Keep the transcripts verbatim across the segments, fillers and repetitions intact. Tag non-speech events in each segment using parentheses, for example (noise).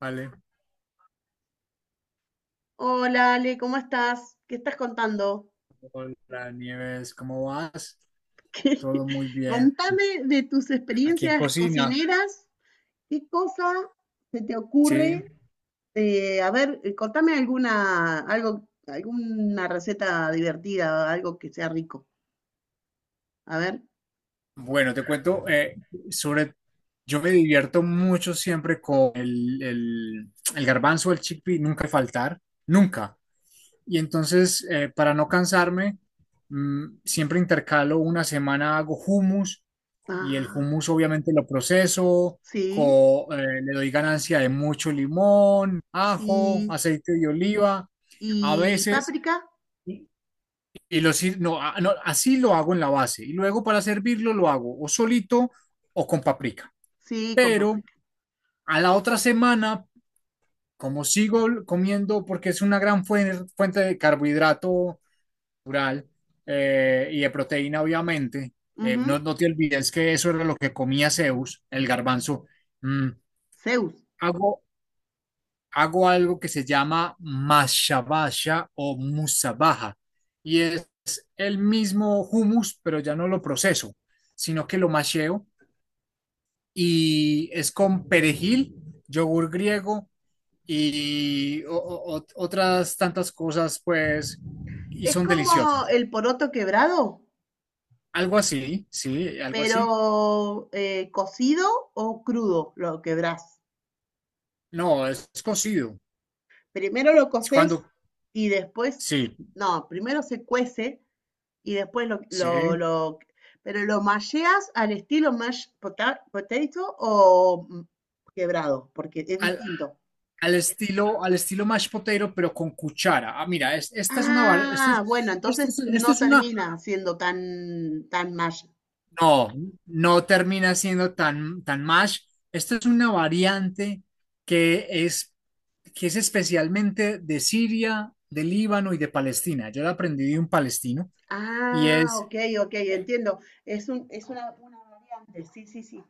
Vale, Hola Ale, ¿cómo estás? ¿Qué estás contando? hola Nieves, ¿cómo vas? (laughs) ¿Qué- Todo muy bien. Contame de tus Aquí en experiencias cocina, cocineras. ¿Qué cosa se te sí. ocurre? Eh, a ver, eh, contame alguna, algo, alguna receta divertida, algo que sea rico. A ver. Bueno, te cuento eh, sobre. Yo me divierto mucho siempre con el, el, el garbanzo, el chickpea, nunca faltar, nunca. Y entonces, eh, para no cansarme, mm, siempre intercalo una semana hago hummus y el Ah, hummus obviamente lo proceso, sí, co- eh, le doy ganancia de mucho limón, ajo, sí. aceite de oliva, a ¿Y veces, páprica? y, y lo sir- no, a- no, así lo hago en la base. Y luego para servirlo lo hago o solito o con paprika. Sí, con Pero páprica. a la otra semana, como sigo comiendo, porque es una gran fuen- fuente de carbohidrato, natural eh, y de proteína, obviamente. Eh, no, Ujú. no te olvides que eso era lo que comía Zeus, el garbanzo. Mm, Zeus. hago, hago algo que se llama mashabasha o musabaja y es el mismo hummus, pero ya no lo proceso, sino que lo masheo y es con perejil, yogur griego y o- o- o- otras tantas cosas, pues, y Es son como deliciosas. el poroto quebrado, Algo así, sí, algo así. pero eh, cocido o crudo lo quebrás. No, es cocido. Primero lo Es coces cuando, y después, sí, no, primero se cuece y después lo, lo, sí. lo- pero lo malleas al estilo mashed pota- potato o mm, quebrado, porque es Al, distinto. al estilo, al estilo mashed potato, pero con cuchara. Ah, mira, es- esta es una bar, esta Ah, es, bueno, esta entonces es, esta no es una, termina siendo tan, tan mash. no, no termina siendo tan, tan mash. Esta es una variante que es, que es especialmente de Siria, de Líbano y de Palestina. Yo la aprendí de un palestino y Ah, es, ok, ok, eh, entiendo. Es un, es una, una variante, sí, sí, sí.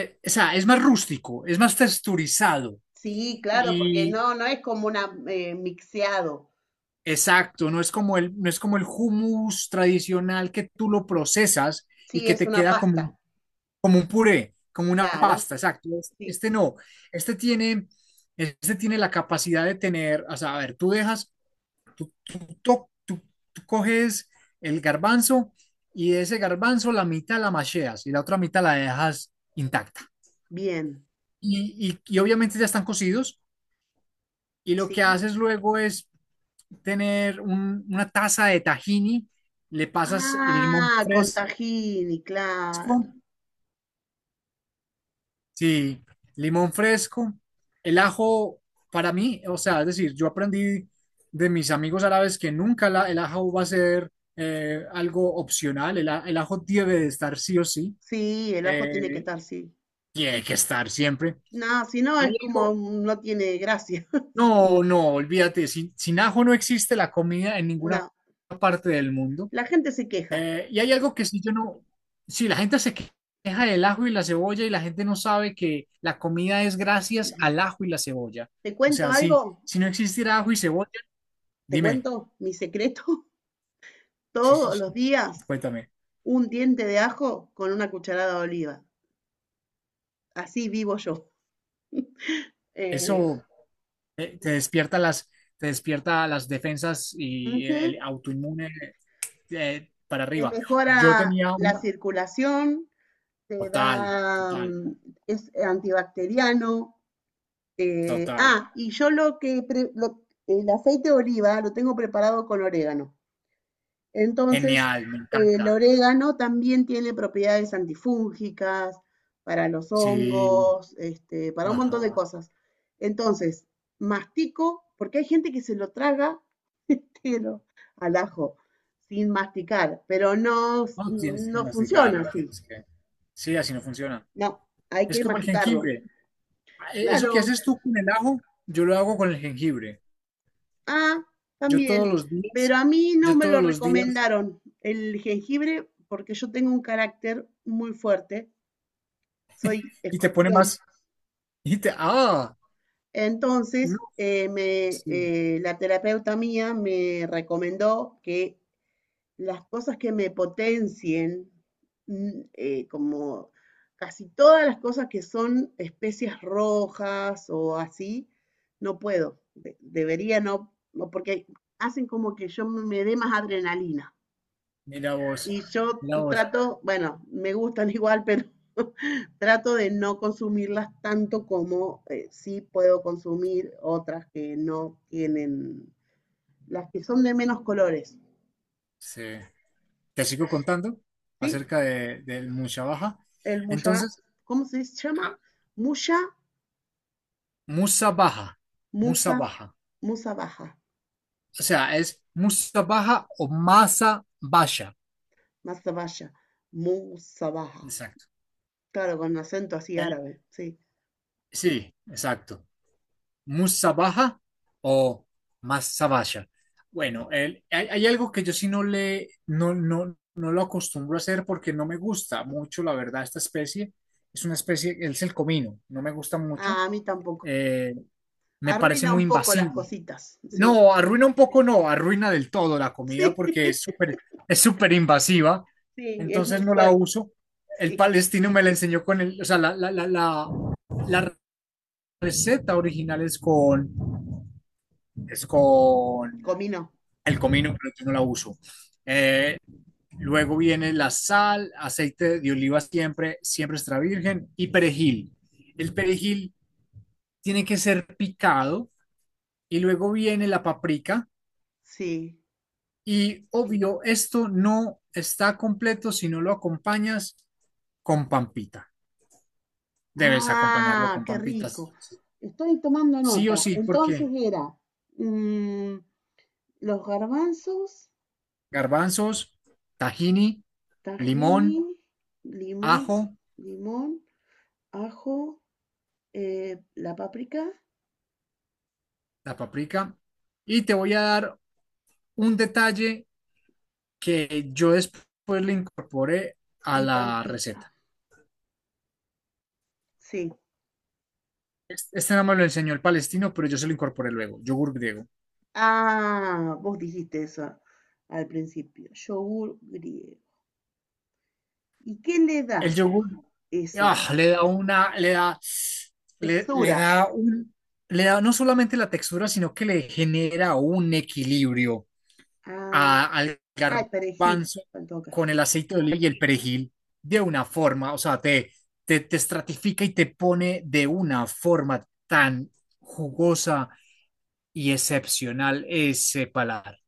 eh, o sea, es más rústico, es más texturizado. Sí, claro, porque no, no es como una eh, mixeado. Exacto, no es como el, no es como el hummus tradicional que tú lo procesas y Sí, que es te una queda como, pasta, un- como un puré, como una claro, pasta, exacto. Es- sí. Este no, este tiene, este tiene la capacidad de tener, o sea, a ver, tú dejas, tú, tú to- tú- tú coges el garbanzo y de ese garbanzo la mitad la macheas y la otra mitad la dejas intacta. Bien. Y, y, y obviamente ya están cocidos y lo que Sí. haces luego es tener un- una taza de tahini, le pasas limón Ah, con fresco, tahini, claro. sí, limón fresco, el ajo para mí, o sea, es decir, yo aprendí de mis amigos árabes que nunca la- el ajo va a ser eh, algo opcional, el, a- el ajo debe de estar sí o sí, Sí, el ajo tiene que eh, estar, sí. tiene que estar siempre. No, si no es como Alejo, mm, no tiene gracia. (laughs) Sí, no, no, olvídate, sin, sin ajo no existe la comida en ninguna no. parte del mundo. La gente se queja. Eh, y hay algo que sí yo no, si la gente se queja del ajo y la cebolla y la gente no sabe que la comida es gracias al ajo y la cebolla. ¿Te O cuento sea, si, algo? si no existiera ajo y cebolla, ¿Te dime, cuento mi secreto? (laughs) sí, sí, Todos sí, los días cuéntame, un diente de ajo con una cucharada de oliva. Así vivo yo. Eh, eso eh, te despierta las, te despierta las defensas y el, ujú. el autoinmune eh, para Te arriba. Yo mejora tenía la una, circulación, te total, da, total, mm, es eh, antibacteriano. Eh, total, ah, y yo lo que pre- lo- el aceite de oliva lo tengo preparado con orégano. Entonces, genial, me eh, el encanta. orégano también tiene propiedades antifúngicas para los Sí, hongos, este, para un montón de ajá. cosas. Entonces, mastico, porque hay gente que se lo traga (laughs) entero al ajo sin masticar, pero no, No tienes que no funciona masticarlo, así. tienes que... Sí, así no funciona. No, hay Es que como el masticarlo. jengibre. E- Eso que Claro, haces tú con el ajo, yo lo hago con el jengibre. ah, Yo todos también, los días, pero a mí no yo me lo todos los días, recomendaron el jengibre porque yo tengo un carácter muy fuerte, soy y te pone escorpión. más, y te, ah, no, Entonces, eh, me, sí, eh, la terapeuta mía me recomendó que las cosas que me potencien, mm, eh, como casi todas las cosas que son especias rojas o así, no puedo, de- debería no, no, porque hacen como que yo me dé más adrenalina. mira vos, Y yo mira vos. trato, bueno, me gustan igual, pero (laughs) trato de no consumirlas tanto como eh, sí puedo consumir otras que no tienen, las que son de menos colores, Sí. Te sigo contando ¿sí? acerca de, del musabaja. El muya, Entonces, ¿cómo se llama? ah, Muya, musabaja, musa, musabaja. musa baja, O sea, es musabaja o masa basha. masa musa baja. Exacto. Claro, con acento así Eh, árabe, sí. sí, exacto. Musabaja o Masabasha. Bueno, el- hay, hay algo que yo sí no le, no, no, no lo acostumbro a hacer porque no me gusta mucho, la verdad, esta especie. Es una especie, es el comino, no me gusta mucho. Ah, a mí tampoco. Eh, me parece Arruina muy un poco las invasivo. cositas, sí. No, arruina un poco, no, arruina del todo la comida Sí, porque es (laughs) súper, es súper invasiva. sí, es Entonces muy no la fuerte, uso. El sí. palestino me la enseñó con el, o sea, la, la, la, la, la receta original es con es con Comino. el comino, pero yo no la uso. Eh, luego viene la sal, aceite de oliva siempre, siempre extra virgen y perejil. El perejil tiene que ser picado y luego viene la paprika Sí. y obvio, esto no está completo si no lo acompañas con pampita. Debes acompañarlo Ah, con qué pampitas. rico. Sí, sí, Estoy tomando sí nota. o sí, Entonces porque era mm, los garbanzos, garbanzos, tahini, limón, tahini, limón, ajo, limón, ajo, eh, la páprica la paprika. Y te voy a dar un detalle que yo después le incorporé a y la pampita. receta. Sí. Este este no me lo enseñó el palestino, pero yo se lo incorporé luego, yogur griego. Ah, vos dijiste eso al principio. Yogur griego. ¿Y qué le El da yogur eso? ah, le da una, le da, le, le Textura. da un, le da no solamente la textura, sino que le genera un equilibrio Ah, a- al ay, perejil. garbanzo Faltó acá. con el aceite de oliva y el perejil de una forma, o sea, te, te, te estratifica y te pone de una forma tan jugosa y excepcional ese paladar.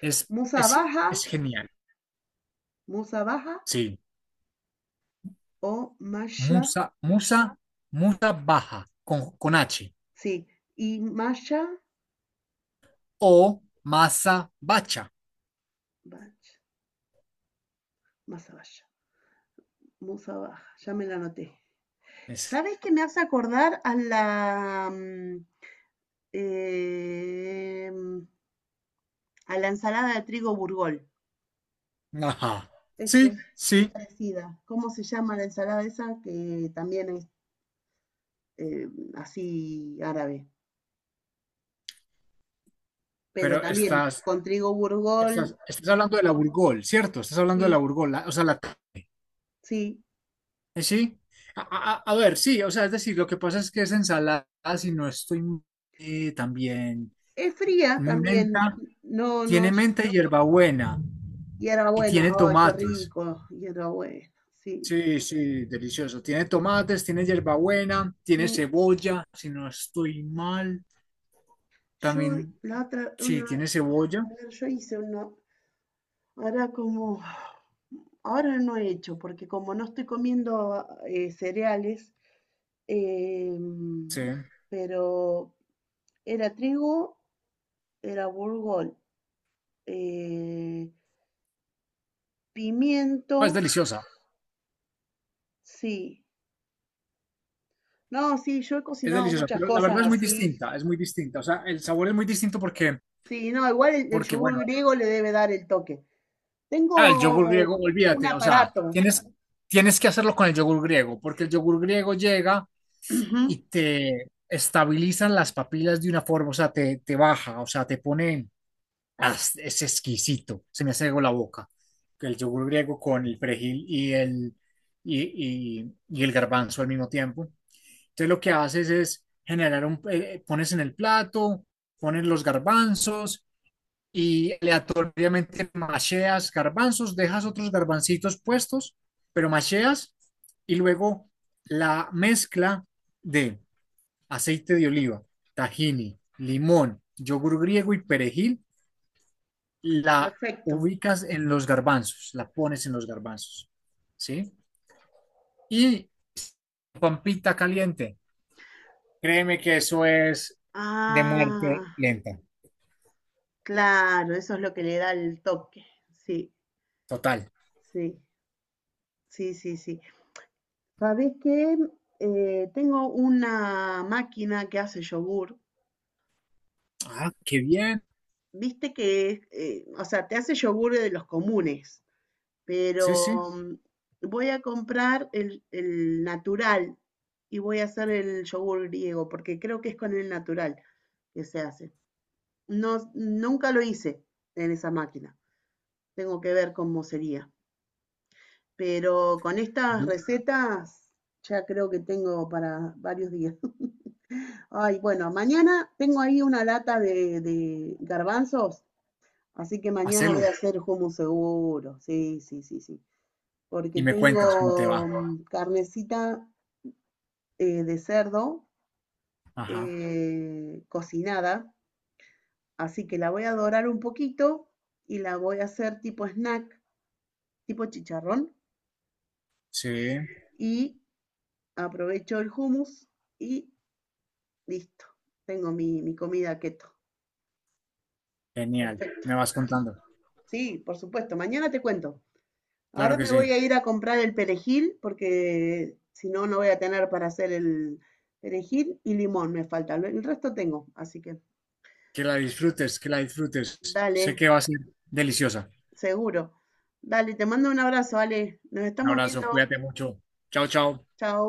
Es, Musa es, baja, es genial. musa baja, Sí. o Masha, Musa, musa, musa baja con, con H sí, y Masha, o masa bacha. Masabaya, Musabaja, ya me la anoté. Es, ¿Sabes qué me hace acordar a la, mm, eh, a la ensalada de trigo burgol? ajá. Es que Sí, es sí, parecida. ¿Cómo se llama la ensalada esa? Que también es eh, así árabe, pero pero también estás, con trigo burgol, estás, estás hablando de la Burgol, ¿cierto? Estás hablando de la sí, Burgol, la- o sea, la tarde. sí. Eh, Sí. A, a- a ver, sí, o sea, es decir, lo que pasa es que es ensalada, si no estoy eh, también Es fría también, menta. no, no. Tiene menta y hierbabuena y Hierbabuena, tiene ay, qué tomates. rico, hierbabuena, sí. Sí, sí, delicioso. Tiene tomates, tiene hierbabuena, tiene Mm, cebolla, si no estoy mal. yo También, la otra, sí, una, tiene cebolla. a ver, yo hice uno, ahora como, ahora no he hecho, porque como no estoy comiendo eh, cereales, Sí. em, pero era trigo, era burgol, eh, Ah, es pimiento, deliciosa, sí. No, sí, yo he es cocinado deliciosa, muchas pero la verdad cosas es muy así. distinta, es muy distinta. O sea, el sabor es muy distinto porque, Sí, no, igual el, el porque yogur bueno, griego le debe dar el toque. ah, el yogur Tengo griego, un olvídate, o sea, aparato. tienes, tienes que hacerlo con el yogur griego, porque el yogur griego llega Ujú, y te estabilizan las papilas de una forma, o sea, te, te baja, o sea, te pone, ah, es exquisito, se me hace agua la boca, el yogur griego con el perejil y el, y, y- y el garbanzo al mismo tiempo. Entonces lo que haces es generar un, eh, eh, pones en el plato, pones los garbanzos y aleatoriamente macheas garbanzos, dejas otros garbancitos puestos, pero macheas y luego la mezcla de aceite de oliva, tahini, limón, yogur griego y perejil, la perfecto. ubicas en los garbanzos, la pones en los garbanzos, ¿sí? Y pampita caliente, créeme que eso es de muerte Ah, lenta, claro, eso es lo que le da el toque. Sí, total. sí, sí, sí, sí. ¿Sabés qué? Eh, tengo una máquina que hace yogur. Ah, qué bien, Viste que, eh, o sea, te hace yogur de los comunes, sí, pero sí, mm, voy a comprar el, el natural y voy a hacer el yogur griego, porque creo que es con el natural que se hace. No, nunca lo hice en esa máquina. Tengo que ver cómo sería. Pero con estas Yo- recetas ya creo que tengo para varios días. (laughs) Ay, bueno, mañana tengo ahí una lata de, de garbanzos, así que mañana voy a hacelo hacer hummus seguro. Sí, sí, sí, sí. y Porque me cuentas cómo te tengo va. mm, carnecita eh, de cerdo Ajá, eh, cocinada, así que la voy a dorar un poquito y la voy a hacer tipo snack, tipo chicharrón sí, y aprovecho el hummus y listo. Tengo mi, mi comida keto. genial, Perfecto. me vas contando, Sí, por supuesto. Mañana te cuento. claro Ahora que me voy sí, a ir a comprar el perejil porque si no, no voy a tener para hacer el perejil y limón me falta. El resto tengo, así que que la disfrutes, que la disfrutes, sé dale, que va a ser deliciosa. seguro. Dale, te mando un abrazo, Ale. Nos Un estamos abrazo, viendo. cuídate mucho. Chao, chao. Chao.